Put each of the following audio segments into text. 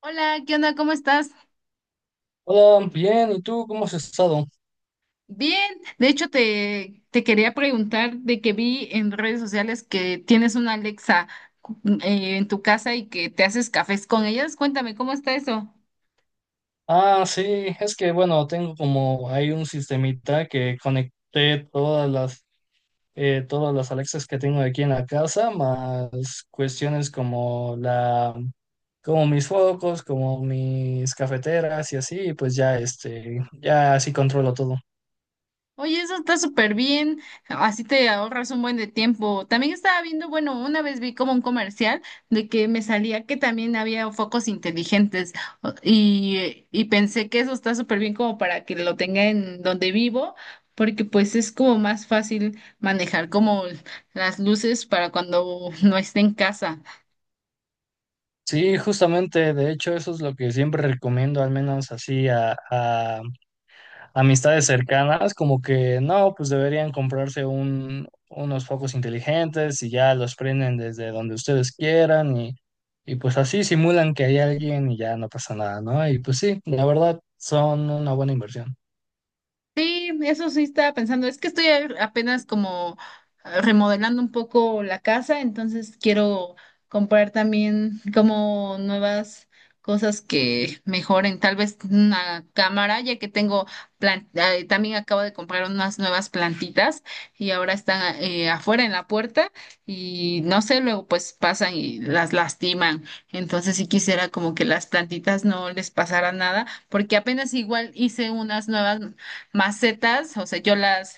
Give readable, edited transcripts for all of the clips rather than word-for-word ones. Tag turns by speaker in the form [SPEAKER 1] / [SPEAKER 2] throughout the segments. [SPEAKER 1] Hola, ¿qué onda? ¿Cómo estás?
[SPEAKER 2] Hola, bien, ¿y tú cómo has estado?
[SPEAKER 1] Bien, de hecho te quería preguntar de que vi en redes sociales que tienes una Alexa en tu casa y que te haces cafés con ellas. Cuéntame, ¿cómo está eso?
[SPEAKER 2] Ah, sí, es que bueno, tengo como hay un sistemita que conecté todas las Alexas que tengo aquí en la casa, más cuestiones como la como mis focos, como mis cafeteras y así, y pues ya este ya así controlo todo.
[SPEAKER 1] Oye, eso está súper bien, así te ahorras un buen de tiempo. También estaba viendo, bueno, una vez vi como un comercial de que me salía que también había focos inteligentes y pensé que eso está súper bien como para que lo tenga en donde vivo, porque pues es como más fácil manejar como las luces para cuando no esté en casa.
[SPEAKER 2] Sí, justamente, de hecho eso es lo que siempre recomiendo, al menos así a, amistades cercanas, como que no, pues deberían comprarse unos focos inteligentes y ya los prenden desde donde ustedes quieran y pues así simulan que hay alguien y ya no pasa nada, ¿no? Y pues sí, la verdad son una buena inversión.
[SPEAKER 1] Sí, eso sí estaba pensando. Es que estoy apenas como remodelando un poco la casa, entonces quiero comprar también como nuevas cosas que mejoren. Tal vez una cámara, ya que tengo también acabo de comprar unas nuevas plantitas y ahora están afuera en la puerta y no sé, luego pues pasan y las lastiman. Entonces sí quisiera como que las plantitas no les pasara nada, porque apenas igual hice unas nuevas macetas, o sea,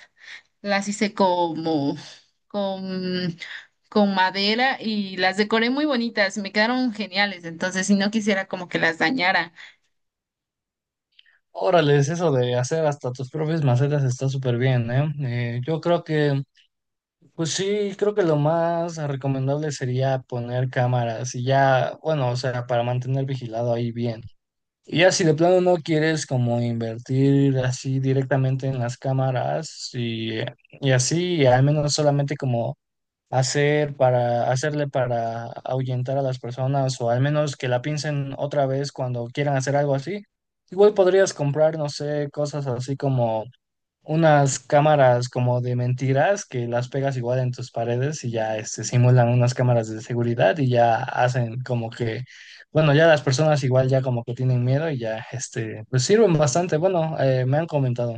[SPEAKER 1] las hice como con, con madera y las decoré muy bonitas, me quedaron geniales, entonces si no quisiera como que las dañara.
[SPEAKER 2] Órale, eso de hacer hasta tus propias macetas está súper bien, ¿eh? Yo creo que, pues sí, creo que lo más recomendable sería poner cámaras y ya, bueno, o sea, para mantener vigilado ahí bien. Y ya si de plano no quieres como invertir así directamente en las cámaras y así, y al menos solamente como hacer para hacerle para ahuyentar a las personas o al menos que la piensen otra vez cuando quieran hacer algo así, igual podrías comprar, no sé, cosas así como unas cámaras como de mentiras que las pegas igual en tus paredes y ya este, simulan unas cámaras de seguridad y ya hacen como que, bueno, ya las personas igual ya como que tienen miedo y ya, este, pues sirven bastante. Bueno, me han comentado.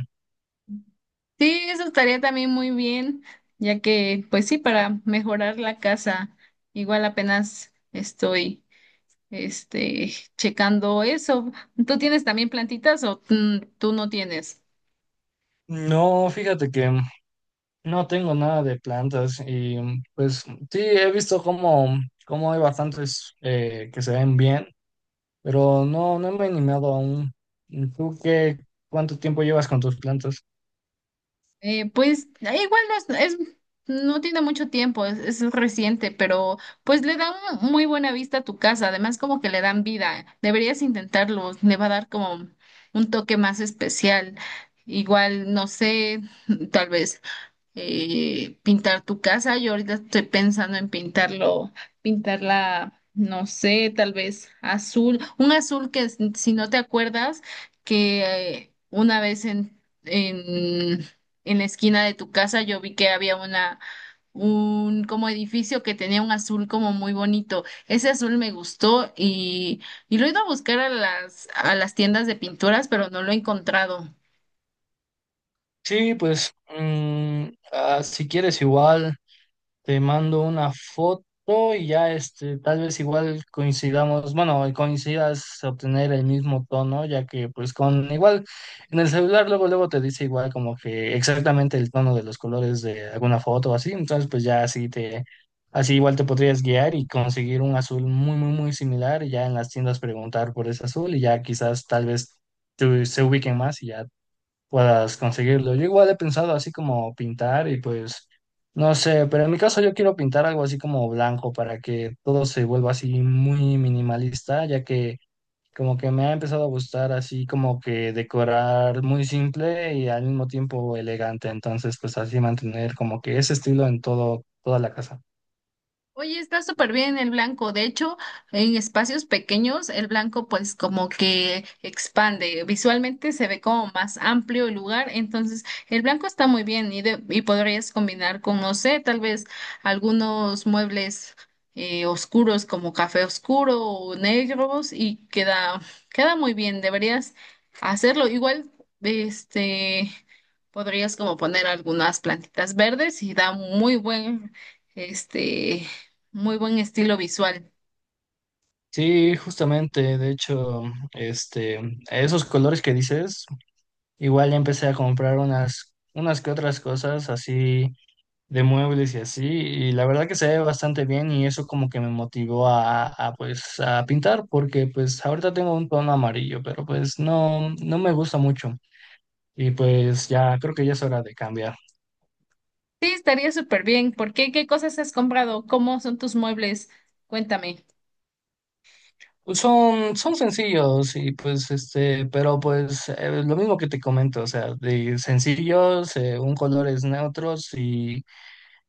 [SPEAKER 1] Sí, eso estaría también muy bien, ya que, pues sí, para mejorar la casa, igual apenas estoy. Este, checando eso. ¿Tú tienes también plantitas o mm, tú no tienes?
[SPEAKER 2] No, fíjate que no tengo nada de plantas y pues sí, he visto como, como hay bastantes que se ven bien, pero no, no me he animado aún. ¿Tú qué, cuánto tiempo llevas con tus plantas?
[SPEAKER 1] Igual no es, es- no tiene mucho tiempo, es reciente, pero pues le da muy buena vista a tu casa, además como que le dan vida, deberías intentarlo, le va a dar como un toque más especial, igual, no sé, tal vez pintar tu casa. Yo ahorita estoy pensando en pintarlo, pintarla, no sé, tal vez azul, un azul si no te acuerdas, que una vez en la esquina de tu casa yo vi que había un como edificio que tenía un azul como muy bonito. Ese azul me gustó y lo he ido a buscar a a las tiendas de pinturas, pero no lo he encontrado.
[SPEAKER 2] Sí, pues mm, ah, si quieres igual te mando una foto y ya este tal vez igual coincidamos, bueno, coincidas obtener el mismo tono, ya que pues con igual en el celular luego luego te dice igual como que exactamente el tono de los colores de alguna foto o así, entonces pues ya así te así igual te podrías guiar y conseguir un azul muy muy muy similar y ya en las tiendas preguntar por ese azul y ya quizás tal vez tú- se ubiquen más y ya puedas conseguirlo. Yo igual he pensado así como pintar y pues no sé, pero en mi caso yo quiero pintar algo así como blanco para que todo se vuelva así muy minimalista, ya que como que me ha empezado a gustar así como que decorar muy simple y al mismo tiempo elegante, entonces pues así mantener como que ese estilo en todo toda la casa.
[SPEAKER 1] Oye, está súper bien el blanco. De hecho, en espacios pequeños, el blanco pues como que expande. Visualmente se ve como más amplio el lugar. Entonces, el blanco está muy bien y, y podrías combinar con, no sé, tal vez algunos muebles oscuros como café oscuro o negros y queda muy bien. Deberías hacerlo. Igual, este, podrías como poner algunas plantitas verdes y da este muy buen estilo visual.
[SPEAKER 2] Sí, justamente, de hecho, este, esos colores que dices, igual ya empecé a comprar unas que otras cosas así de muebles y así, y la verdad que se ve bastante bien y eso como que me motivó pues a pintar porque pues ahorita tengo un tono amarillo, pero pues no, no me gusta mucho y pues ya creo que ya es hora de cambiar.
[SPEAKER 1] Sí, estaría súper bien. ¿Por qué? ¿Qué cosas has comprado? ¿Cómo son tus muebles? Cuéntame.
[SPEAKER 2] Son sencillos y pues este, pero pues lo mismo que te comento, o sea, de sencillos, un colores neutros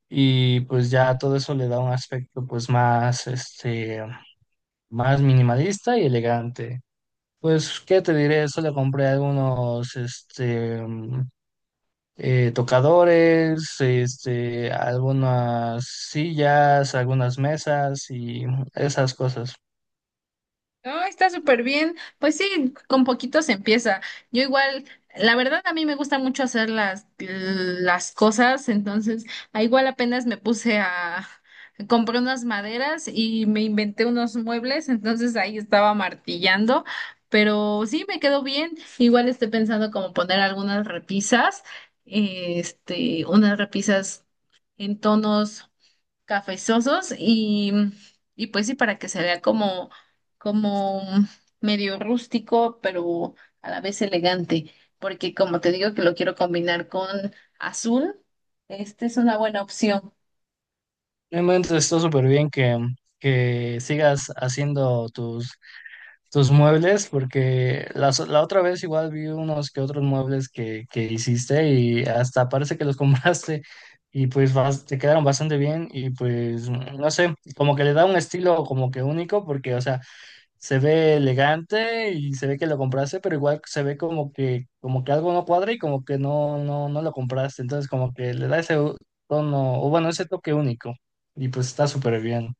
[SPEAKER 2] y pues ya todo eso le da un aspecto pues más este, más minimalista y elegante. Pues, ¿qué te diré? Solo compré algunos, este, mm, tocadores, este, algunas sillas, algunas mesas y esas cosas.
[SPEAKER 1] No, está súper bien. Pues sí, con poquito se empieza. Yo igual, la verdad a mí me gusta mucho hacer las cosas, entonces igual apenas me puse a compré unas maderas y me inventé unos muebles, entonces ahí estaba martillando, pero sí me quedó bien. Igual estoy pensando como poner algunas repisas, este, unas repisas en tonos cafezosos y pues sí, para que se vea como, como medio rústico, pero a la vez elegante, porque como te digo que lo quiero combinar con azul, esta es una buena opción.
[SPEAKER 2] Realmente está súper bien que sigas haciendo tus muebles, porque la, so- la otra vez igual vi unos que otros muebles que hiciste y hasta parece que los compraste y pues bas- te quedaron bastante bien y pues no sé, como que le da un estilo como que único porque, o sea, se ve elegante y se ve que lo compraste, pero igual se ve como que algo no cuadra y como que no, no, no lo compraste, entonces como que le da ese tono, o bueno, ese toque único y pues está súper bien.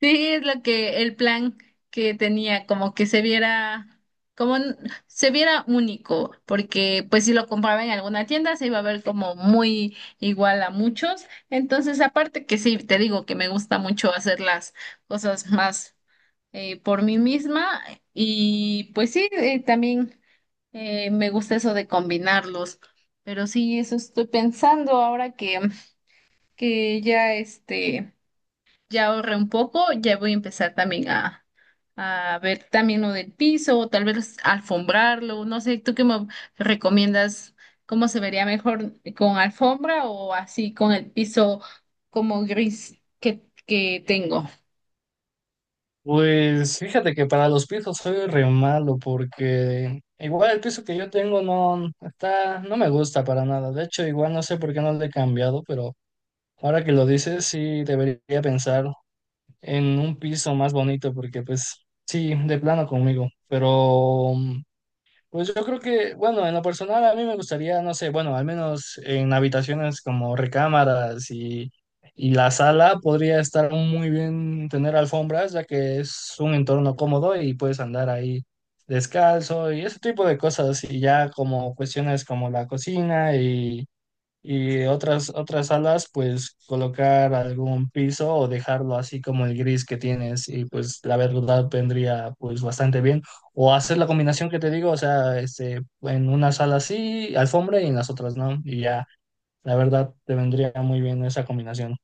[SPEAKER 1] Sí, es lo que el plan que tenía, como que se viera, como n- se viera único, porque pues si lo compraba en alguna tienda se iba a ver como muy igual a muchos. Entonces, aparte que sí, te digo que me gusta mucho hacer las cosas más por mí misma y pues sí, también me gusta eso de combinarlos. Pero sí, eso estoy pensando ahora que ya este ya ahorré un poco, ya voy a empezar también a ver también lo del piso, o tal vez alfombrarlo, no sé, ¿tú qué me recomiendas? ¿Cómo se vería mejor con alfombra o así con el piso como gris que tengo?
[SPEAKER 2] Pues fíjate que para los pisos soy re malo porque igual el piso que yo tengo no está, no me gusta para nada. De hecho, igual no sé por qué no lo he cambiado, pero ahora que lo dices, sí debería pensar en un piso más bonito porque pues sí, de plano conmigo. Pero mm, pues yo creo que, bueno, en lo personal a mí me gustaría, no sé, bueno, al menos en habitaciones como recámaras y la sala podría estar muy bien tener alfombras, ya que es un entorno cómodo y puedes andar ahí descalzo y ese tipo de cosas. Y ya como cuestiones como la cocina y otras salas, pues colocar algún piso o dejarlo así como el gris que tienes y pues la verdad vendría pues bastante bien. O hacer la combinación que te digo, o sea, este, en una sala sí, alfombra y en las otras no. Y ya, la verdad te vendría muy bien esa combinación.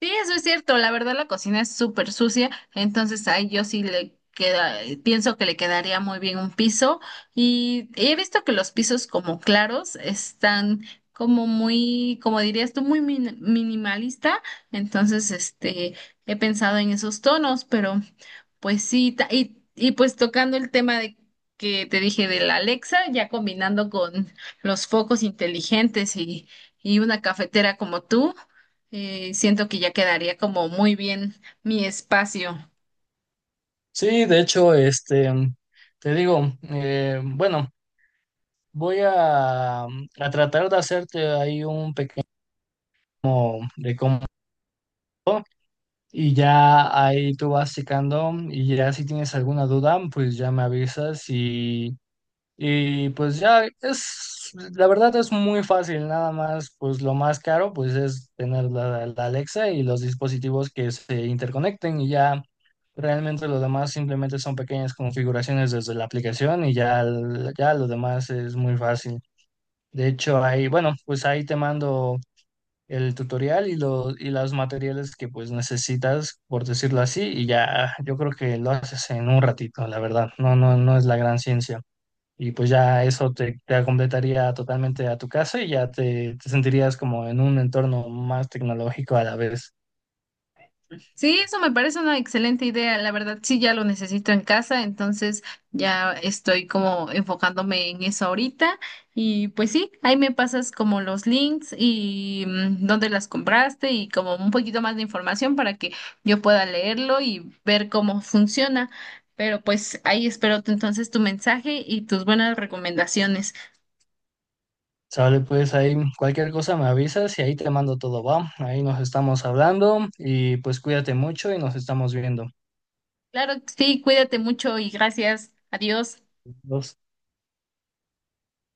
[SPEAKER 1] Sí, eso es cierto. La verdad, la cocina es súper sucia, entonces ahí yo sí le queda, pienso que le quedaría muy bien un piso. Y he visto que los pisos como claros están como muy, como dirías tú, minimalista. Entonces, este, he pensado en esos tonos, pero pues sí, y pues tocando el tema de que te dije de la Alexa, ya combinando con los focos inteligentes y una cafetera como tú siento que ya quedaría como muy bien mi espacio.
[SPEAKER 2] Sí, de hecho, este, te digo, bueno, voy a tratar de hacerte ahí un pequeño de cómo Y ya ahí tú vas secando y ya si tienes alguna duda, pues ya me avisas y pues ya es, la verdad es muy fácil, nada más, pues lo más caro pues es tener la Alexa y los dispositivos que se interconecten y ya realmente lo demás simplemente son pequeñas configuraciones desde la aplicación ya lo demás es muy fácil. De hecho, ahí, bueno, pues ahí te mando el tutorial y los materiales que pues necesitas, por decirlo así, y ya yo creo que lo haces en un ratito, la verdad, no es la gran ciencia. Y pues ya eso te completaría totalmente a tu casa y ya te sentirías como en un entorno más tecnológico a la vez.
[SPEAKER 1] Sí, eso me parece una excelente idea. La verdad, sí, ya lo necesito en casa, entonces ya estoy como enfocándome en eso ahorita. Y pues sí, ahí me pasas como los links y mm, dónde las compraste y como un poquito más de información para que yo pueda leerlo y ver cómo funciona. Pero pues ahí espero entonces tu mensaje y tus buenas recomendaciones.
[SPEAKER 2] Sale, pues ahí cualquier cosa me avisas y ahí te mando todo, va. Ahí nos estamos hablando y pues cuídate mucho y nos estamos viendo.
[SPEAKER 1] Claro, que sí, cuídate mucho y gracias. Adiós.
[SPEAKER 2] Nos-